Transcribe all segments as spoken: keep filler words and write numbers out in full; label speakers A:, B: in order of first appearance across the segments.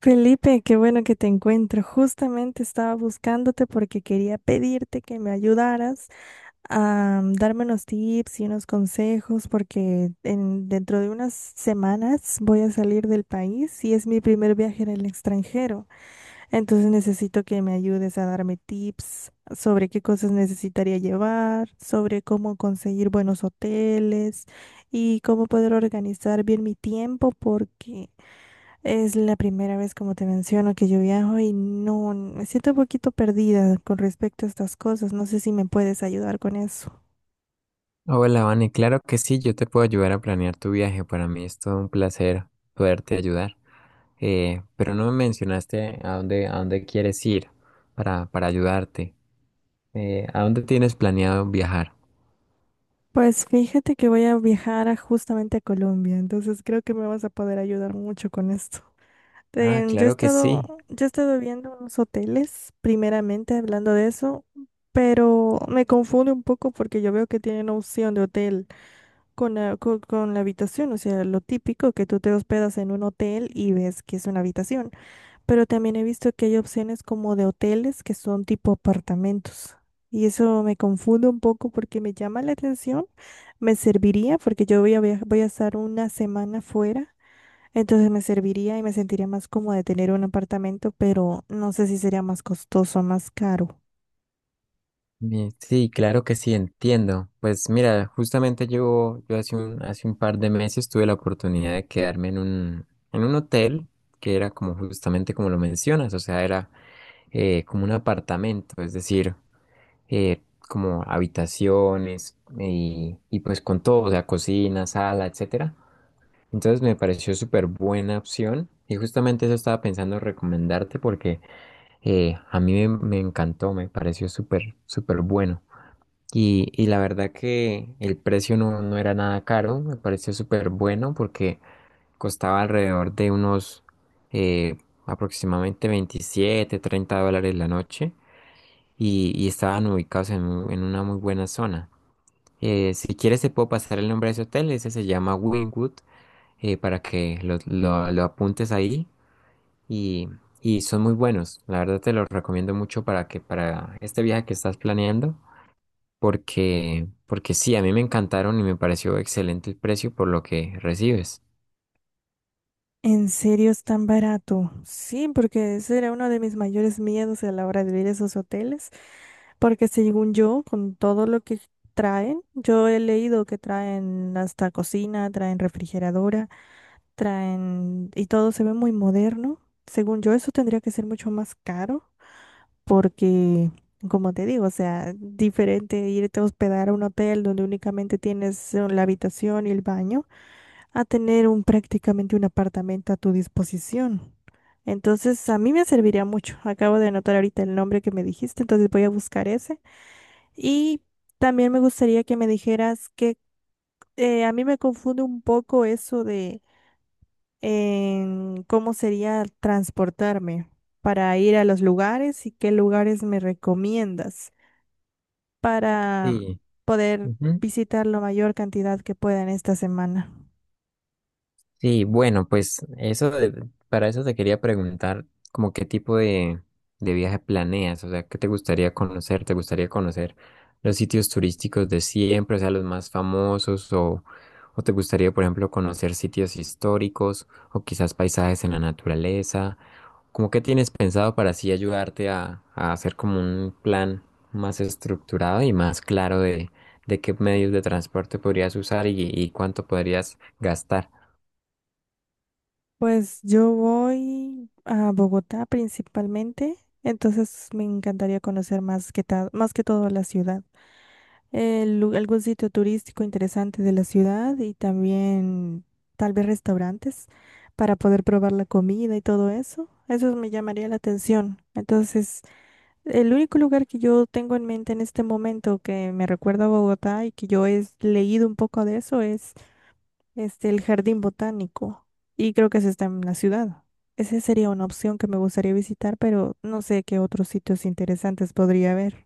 A: Felipe, qué bueno que te encuentro. Justamente estaba buscándote porque quería pedirte que me ayudaras a mm, darme unos tips y unos consejos porque en, dentro de unas semanas voy a salir del país y es mi primer viaje en el extranjero. Entonces necesito que me ayudes a darme tips sobre qué cosas necesitaría llevar, sobre cómo conseguir buenos hoteles y cómo poder organizar bien mi tiempo porque... Es la primera vez, como te menciono, que yo viajo y no, me siento un poquito perdida con respecto a estas cosas. No sé si me puedes ayudar con eso.
B: Hola, Vane, claro que sí, yo te puedo ayudar a planear tu viaje. Para mí es todo un placer poderte ayudar. Eh, pero no me mencionaste a dónde, a dónde quieres ir para, para ayudarte. Eh, ¿a dónde tienes planeado viajar?
A: Pues fíjate que voy a viajar a- justamente a Colombia, entonces creo que me vas a poder ayudar mucho con esto.
B: Ah,
A: Ten- yo he
B: claro que
A: estado,
B: sí.
A: yo he estado viendo unos hoteles, primeramente hablando de eso, pero me confunde un poco porque yo veo que tienen opción de hotel con la, co- con la habitación, o sea, lo típico que tú te hospedas en un hotel y ves que es una habitación. Pero también he visto que hay opciones como de hoteles que son tipo apartamentos. Y eso me confunde un poco porque me llama la atención. Me serviría porque yo voy a via- voy a estar una semana fuera. Entonces me serviría y me sentiría más cómoda de tener un apartamento, pero no sé si sería más costoso, más caro.
B: Mi- Sí, claro que sí, entiendo. Pues mira, justamente yo, yo hace un, hace un par de meses tuve la oportunidad de quedarme en un, en un hotel que era como justamente como lo mencionas, o sea, era eh, como un apartamento, es decir. eh, Como habitaciones y, y pues con todo, o sea, cocina, sala, etcétera. Entonces me pareció súper buena opción y justamente eso estaba pensando recomendarte porque eh, a mí me, me encantó, me pareció súper, súper bueno. Y, y la verdad que el precio no, no era nada caro, me pareció súper bueno porque costaba alrededor de unos eh, aproximadamente veintisiete treinta dólares la noche y, y estaban ubicados en, mu- en una muy buena zona. Eh, si quieres te puedo pasar el nombre de ese hotel, ese se llama Wynwood, eh, para que lo, lo- lo apuntes ahí y, y son muy buenos. La verdad te los recomiendo mucho para que para este viaje que estás planeando, porque, porque sí, a mí me encantaron y me pareció excelente el precio por lo que recibes.
A: ¿En serio es tan barato? Sí, porque ese era uno de mis mayores miedos a la hora de ir a esos hoteles, porque según yo, con todo lo que traen, yo he leído que traen hasta cocina, traen refrigeradora, traen y todo se ve muy moderno. Según yo, eso tendría que ser mucho más caro, porque, como te digo, o sea, diferente irte a hospedar a un hotel donde únicamente tienes eh, la habitación y el baño a tener un prácticamente un apartamento a tu disposición. Entonces, a mí me serviría mucho. Acabo de anotar ahorita el nombre que me dijiste, entonces voy a buscar ese. Y también me gustaría que me dijeras que eh, a mí me confunde un poco eso de en cómo sería transportarme para ir a los lugares y qué lugares me recomiendas para
B: Sí.
A: poder visitar la mayor cantidad que pueda en esta semana.
B: Sí, bueno, pues eso de- para eso te quería preguntar como qué tipo de, de viaje planeas, o sea, qué te gustaría conocer, te gustaría conocer los sitios turísticos de siempre, o sea, los más famosos, o, o te gustaría, por ejemplo, conocer sitios históricos, o quizás paisajes en la naturaleza, como qué tienes pensado para así ayudarte a, a hacer como un plan más estructurado y más claro de, de qué medios de transporte podrías usar y y cuánto podrías gastar.
A: Pues yo voy a Bogotá principalmente, entonces me encantaría conocer más que ta- más que todo la ciudad. El lu- algún sitio turístico interesante de la ciudad y también tal vez restaurantes para poder probar la comida y todo eso. Eso me llamaría la atención. Entonces, el único lugar que yo tengo en mente en este momento que me recuerda a Bogotá y que yo he leído un poco de eso este, el jardín botánico, y creo que ese está en la ciudad. Esa sería una opción que me gustaría visitar, pero no sé qué otros sitios interesantes podría haber.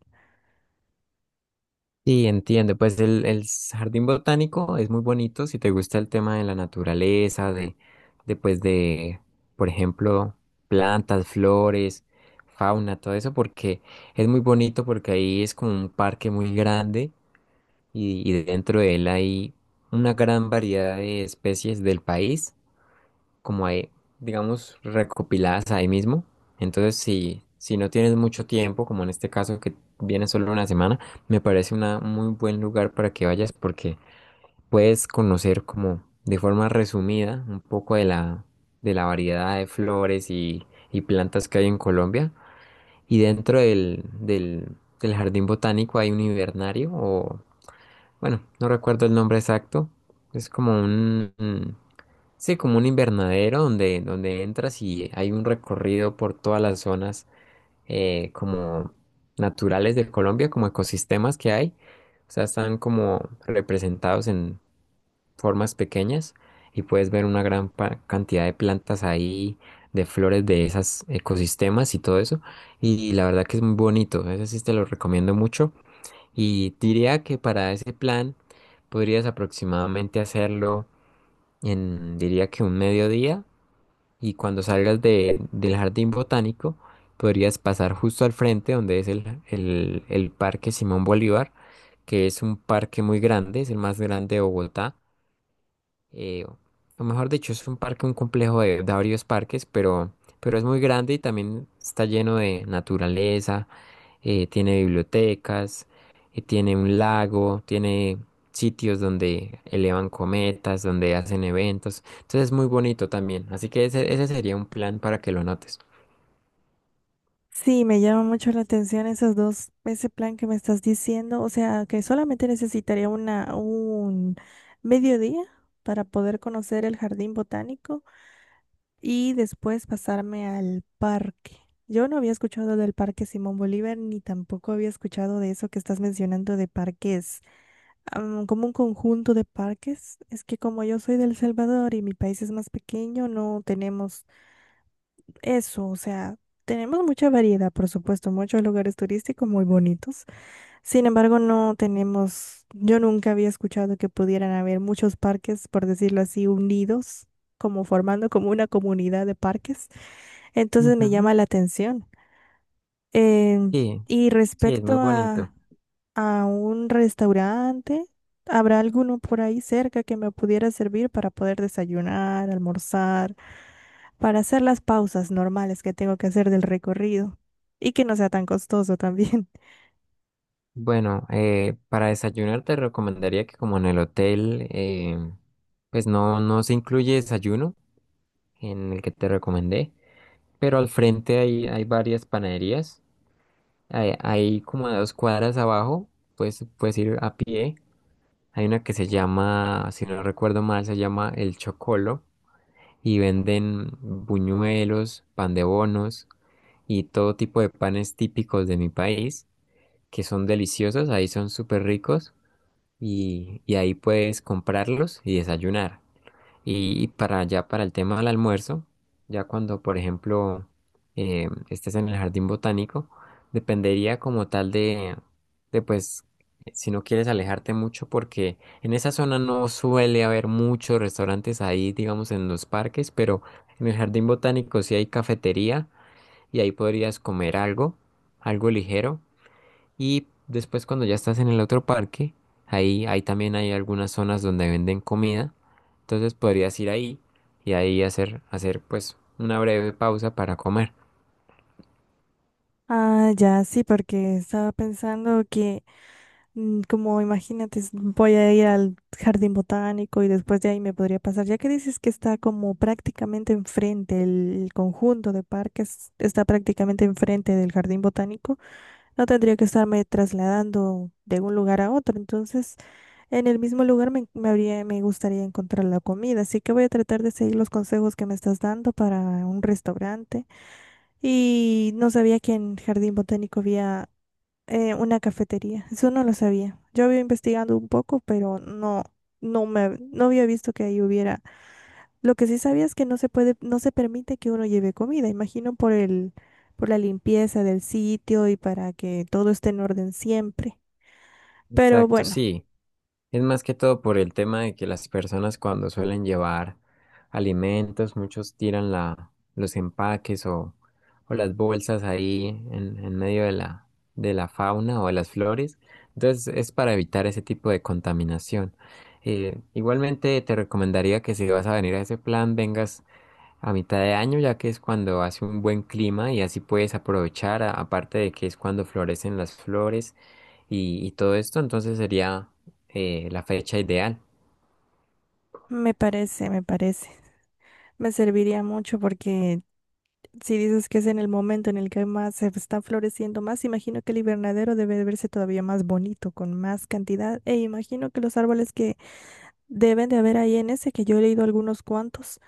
B: Sí, entiendo. Pues el, el jardín botánico es muy bonito si te gusta el tema de la naturaleza, de, de pues de, por ejemplo, plantas, flores, fauna, todo eso, porque es muy bonito porque ahí es como un parque muy grande y, y dentro de él hay una gran variedad de especies del país como ahí, digamos, recopiladas ahí mismo. Entonces, si, si no tienes mucho tiempo, como en este caso que viene solo una semana, me parece una, un muy buen lugar para que vayas porque puedes conocer como de forma resumida un poco de la, de la variedad de flores y, y plantas que hay en Colombia. Y dentro del, del, del jardín botánico hay un invernario o bueno, no recuerdo el nombre exacto. Es como un, un- sí, como un invernadero donde, donde entras y hay un recorrido por todas las zonas eh, como naturales de Colombia, como ecosistemas que hay. O sea, están como representados en formas pequeñas y puedes ver una gran pa- cantidad de plantas ahí, de flores de esos ecosistemas y todo eso. Y la verdad que es muy bonito. Ese sí te lo recomiendo mucho. Y diría que para ese plan podrías aproximadamente hacerlo en, diría que un mediodía y cuando salgas de- del jardín botánico podrías pasar justo al frente donde es el, el el Parque Simón Bolívar, que es un parque muy grande, es el más grande de Bogotá eh, o mejor dicho, es un parque, un complejo de, de varios parques, pero, pero es muy grande y también está lleno de naturaleza, eh, tiene bibliotecas, eh, tiene un lago, tiene sitios donde elevan cometas, donde hacen eventos, entonces es muy bonito también, así que ese, ese sería un plan para que lo notes.
A: Sí, me llama mucho la atención esos dos, ese plan que me estás diciendo, o sea, que solamente necesitaría una, un mediodía para poder conocer el jardín botánico y después pasarme al parque. Yo no había escuchado del Parque Simón Bolívar ni tampoco había escuchado de eso que estás mencionando de parques am, como un conjunto de parques. Es que como yo soy de El Salvador y mi país es más pequeño, no tenemos eso. O sea, tenemos mucha variedad, por supuesto, muchos lugares turísticos muy bonitos. Sin embargo, no tenemos, yo nunca había escuchado que pudieran haber muchos parques, por decirlo así, unidos, como formando como una comunidad de parques. Entonces me
B: Ujú.
A: llama la atención. Em,
B: Sí,
A: y
B: sí, es
A: respecto
B: muy
A: a
B: bonito.
A: a un restaurante. ¿Habrá alguno por ahí cerca que me pudiera servir para poder desayunar, almorzar, para hacer las pausas normales que tengo que hacer del recorrido? Y que no sea tan costoso también.
B: Bueno, eh, para desayunar te recomendaría que como en el hotel, eh, pues no, no se incluye desayuno, en el que te recomendé, pero al frente hay, hay varias panaderías. Hay, hay como a dos cuadras abajo, pues puedes ir a pie. Hay una que se llama, si no recuerdo mal, se llama El Chocolo y venden buñuelos, pan de bonos y todo tipo de panes típicos de mi país que son deliciosos, ahí son súper ricos y, y ahí puedes comprarlos y desayunar. Y para allá, para el tema del almuerzo, ya cuando, por ejemplo, eh, estés en el jardín botánico, dependería como tal de, de, pues, si no quieres alejarte mucho, porque en esa zona no suele haber muchos restaurantes ahí, digamos, en los parques, pero en el jardín botánico sí hay cafetería y ahí podrías comer algo, algo ligero. Y después cuando ya estás en el otro parque, ahí, ahí también hay algunas zonas donde venden comida. Entonces podrías ir ahí y ahí hacer, hacer pues una breve pausa para comer.
A: Ah, ya, sí, porque estaba pensando que, mm, como imagínate, s- voy a ir al jardín botánico y después de ahí me podría pasar, ya que dices que está como prácticamente enfrente, el, el conjunto de parques está prácticamente enfrente del jardín botánico. No tendría que estarme trasladando de un lugar a otro. Entonces, en el mismo lugar me, me habría, me gustaría encontrar la comida. Así que voy a tratar de seguir los consejos que me estás dando para un restaurante. Y no sabía que en Jardín Botánico había eh, una cafetería. Eso no lo sabía. Yo había investigado un poco, pero no, no me, no había visto que ahí hubiera lo que sí sabía es que no se puede, no se permite que uno lleve comida, imagino por el, por la limpieza del sitio y para que todo esté en orden siempre. Pero
B: Exacto,
A: bueno,
B: sí. Es más que todo por el tema de que las personas cuando suelen llevar alimentos, muchos tiran la, los empaques o, o las bolsas ahí en, en medio de la, de la fauna o de las flores. Entonces es para evitar ese tipo de contaminación. Eh, igualmente te recomendaría que si vas a venir a ese plan, vengas a mitad de año, ya que es cuando hace un buen clima y así puedes aprovechar, a- aparte de que es cuando florecen las flores y, y todo esto, entonces sería eh, la fecha ideal.
A: me parece, me parece. Me serviría mucho porque si dices que es en el momento en el que más se están floreciendo más, imagino que el invernadero debe de verse todavía más bonito, con más cantidad. E imagino que los árboles que deben de haber ahí en ese, que yo he leído algunos cuantos,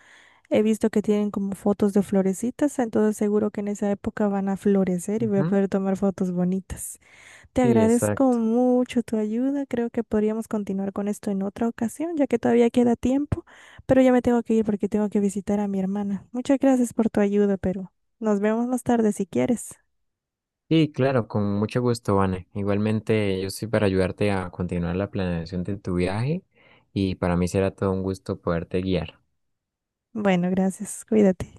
A: he visto que tienen como fotos de florecitas, entonces seguro que en esa época van a florecer y voy a
B: Ujú.
A: poder tomar fotos bonitas. Te
B: Sí,
A: agradezco
B: exacto.
A: mucho tu ayuda. Creo que podríamos continuar con esto en otra ocasión, ya que todavía queda tiempo, pero ya me tengo que ir porque tengo que visitar a mi hermana. Muchas gracias por tu ayuda, pero nos vemos más tarde si quieres.
B: Y claro, con mucho gusto, Vane. Igualmente, yo estoy para ayudarte a continuar la planeación de tu viaje y para mí será todo un gusto poderte guiar.
A: Bueno, gracias. Cuídate.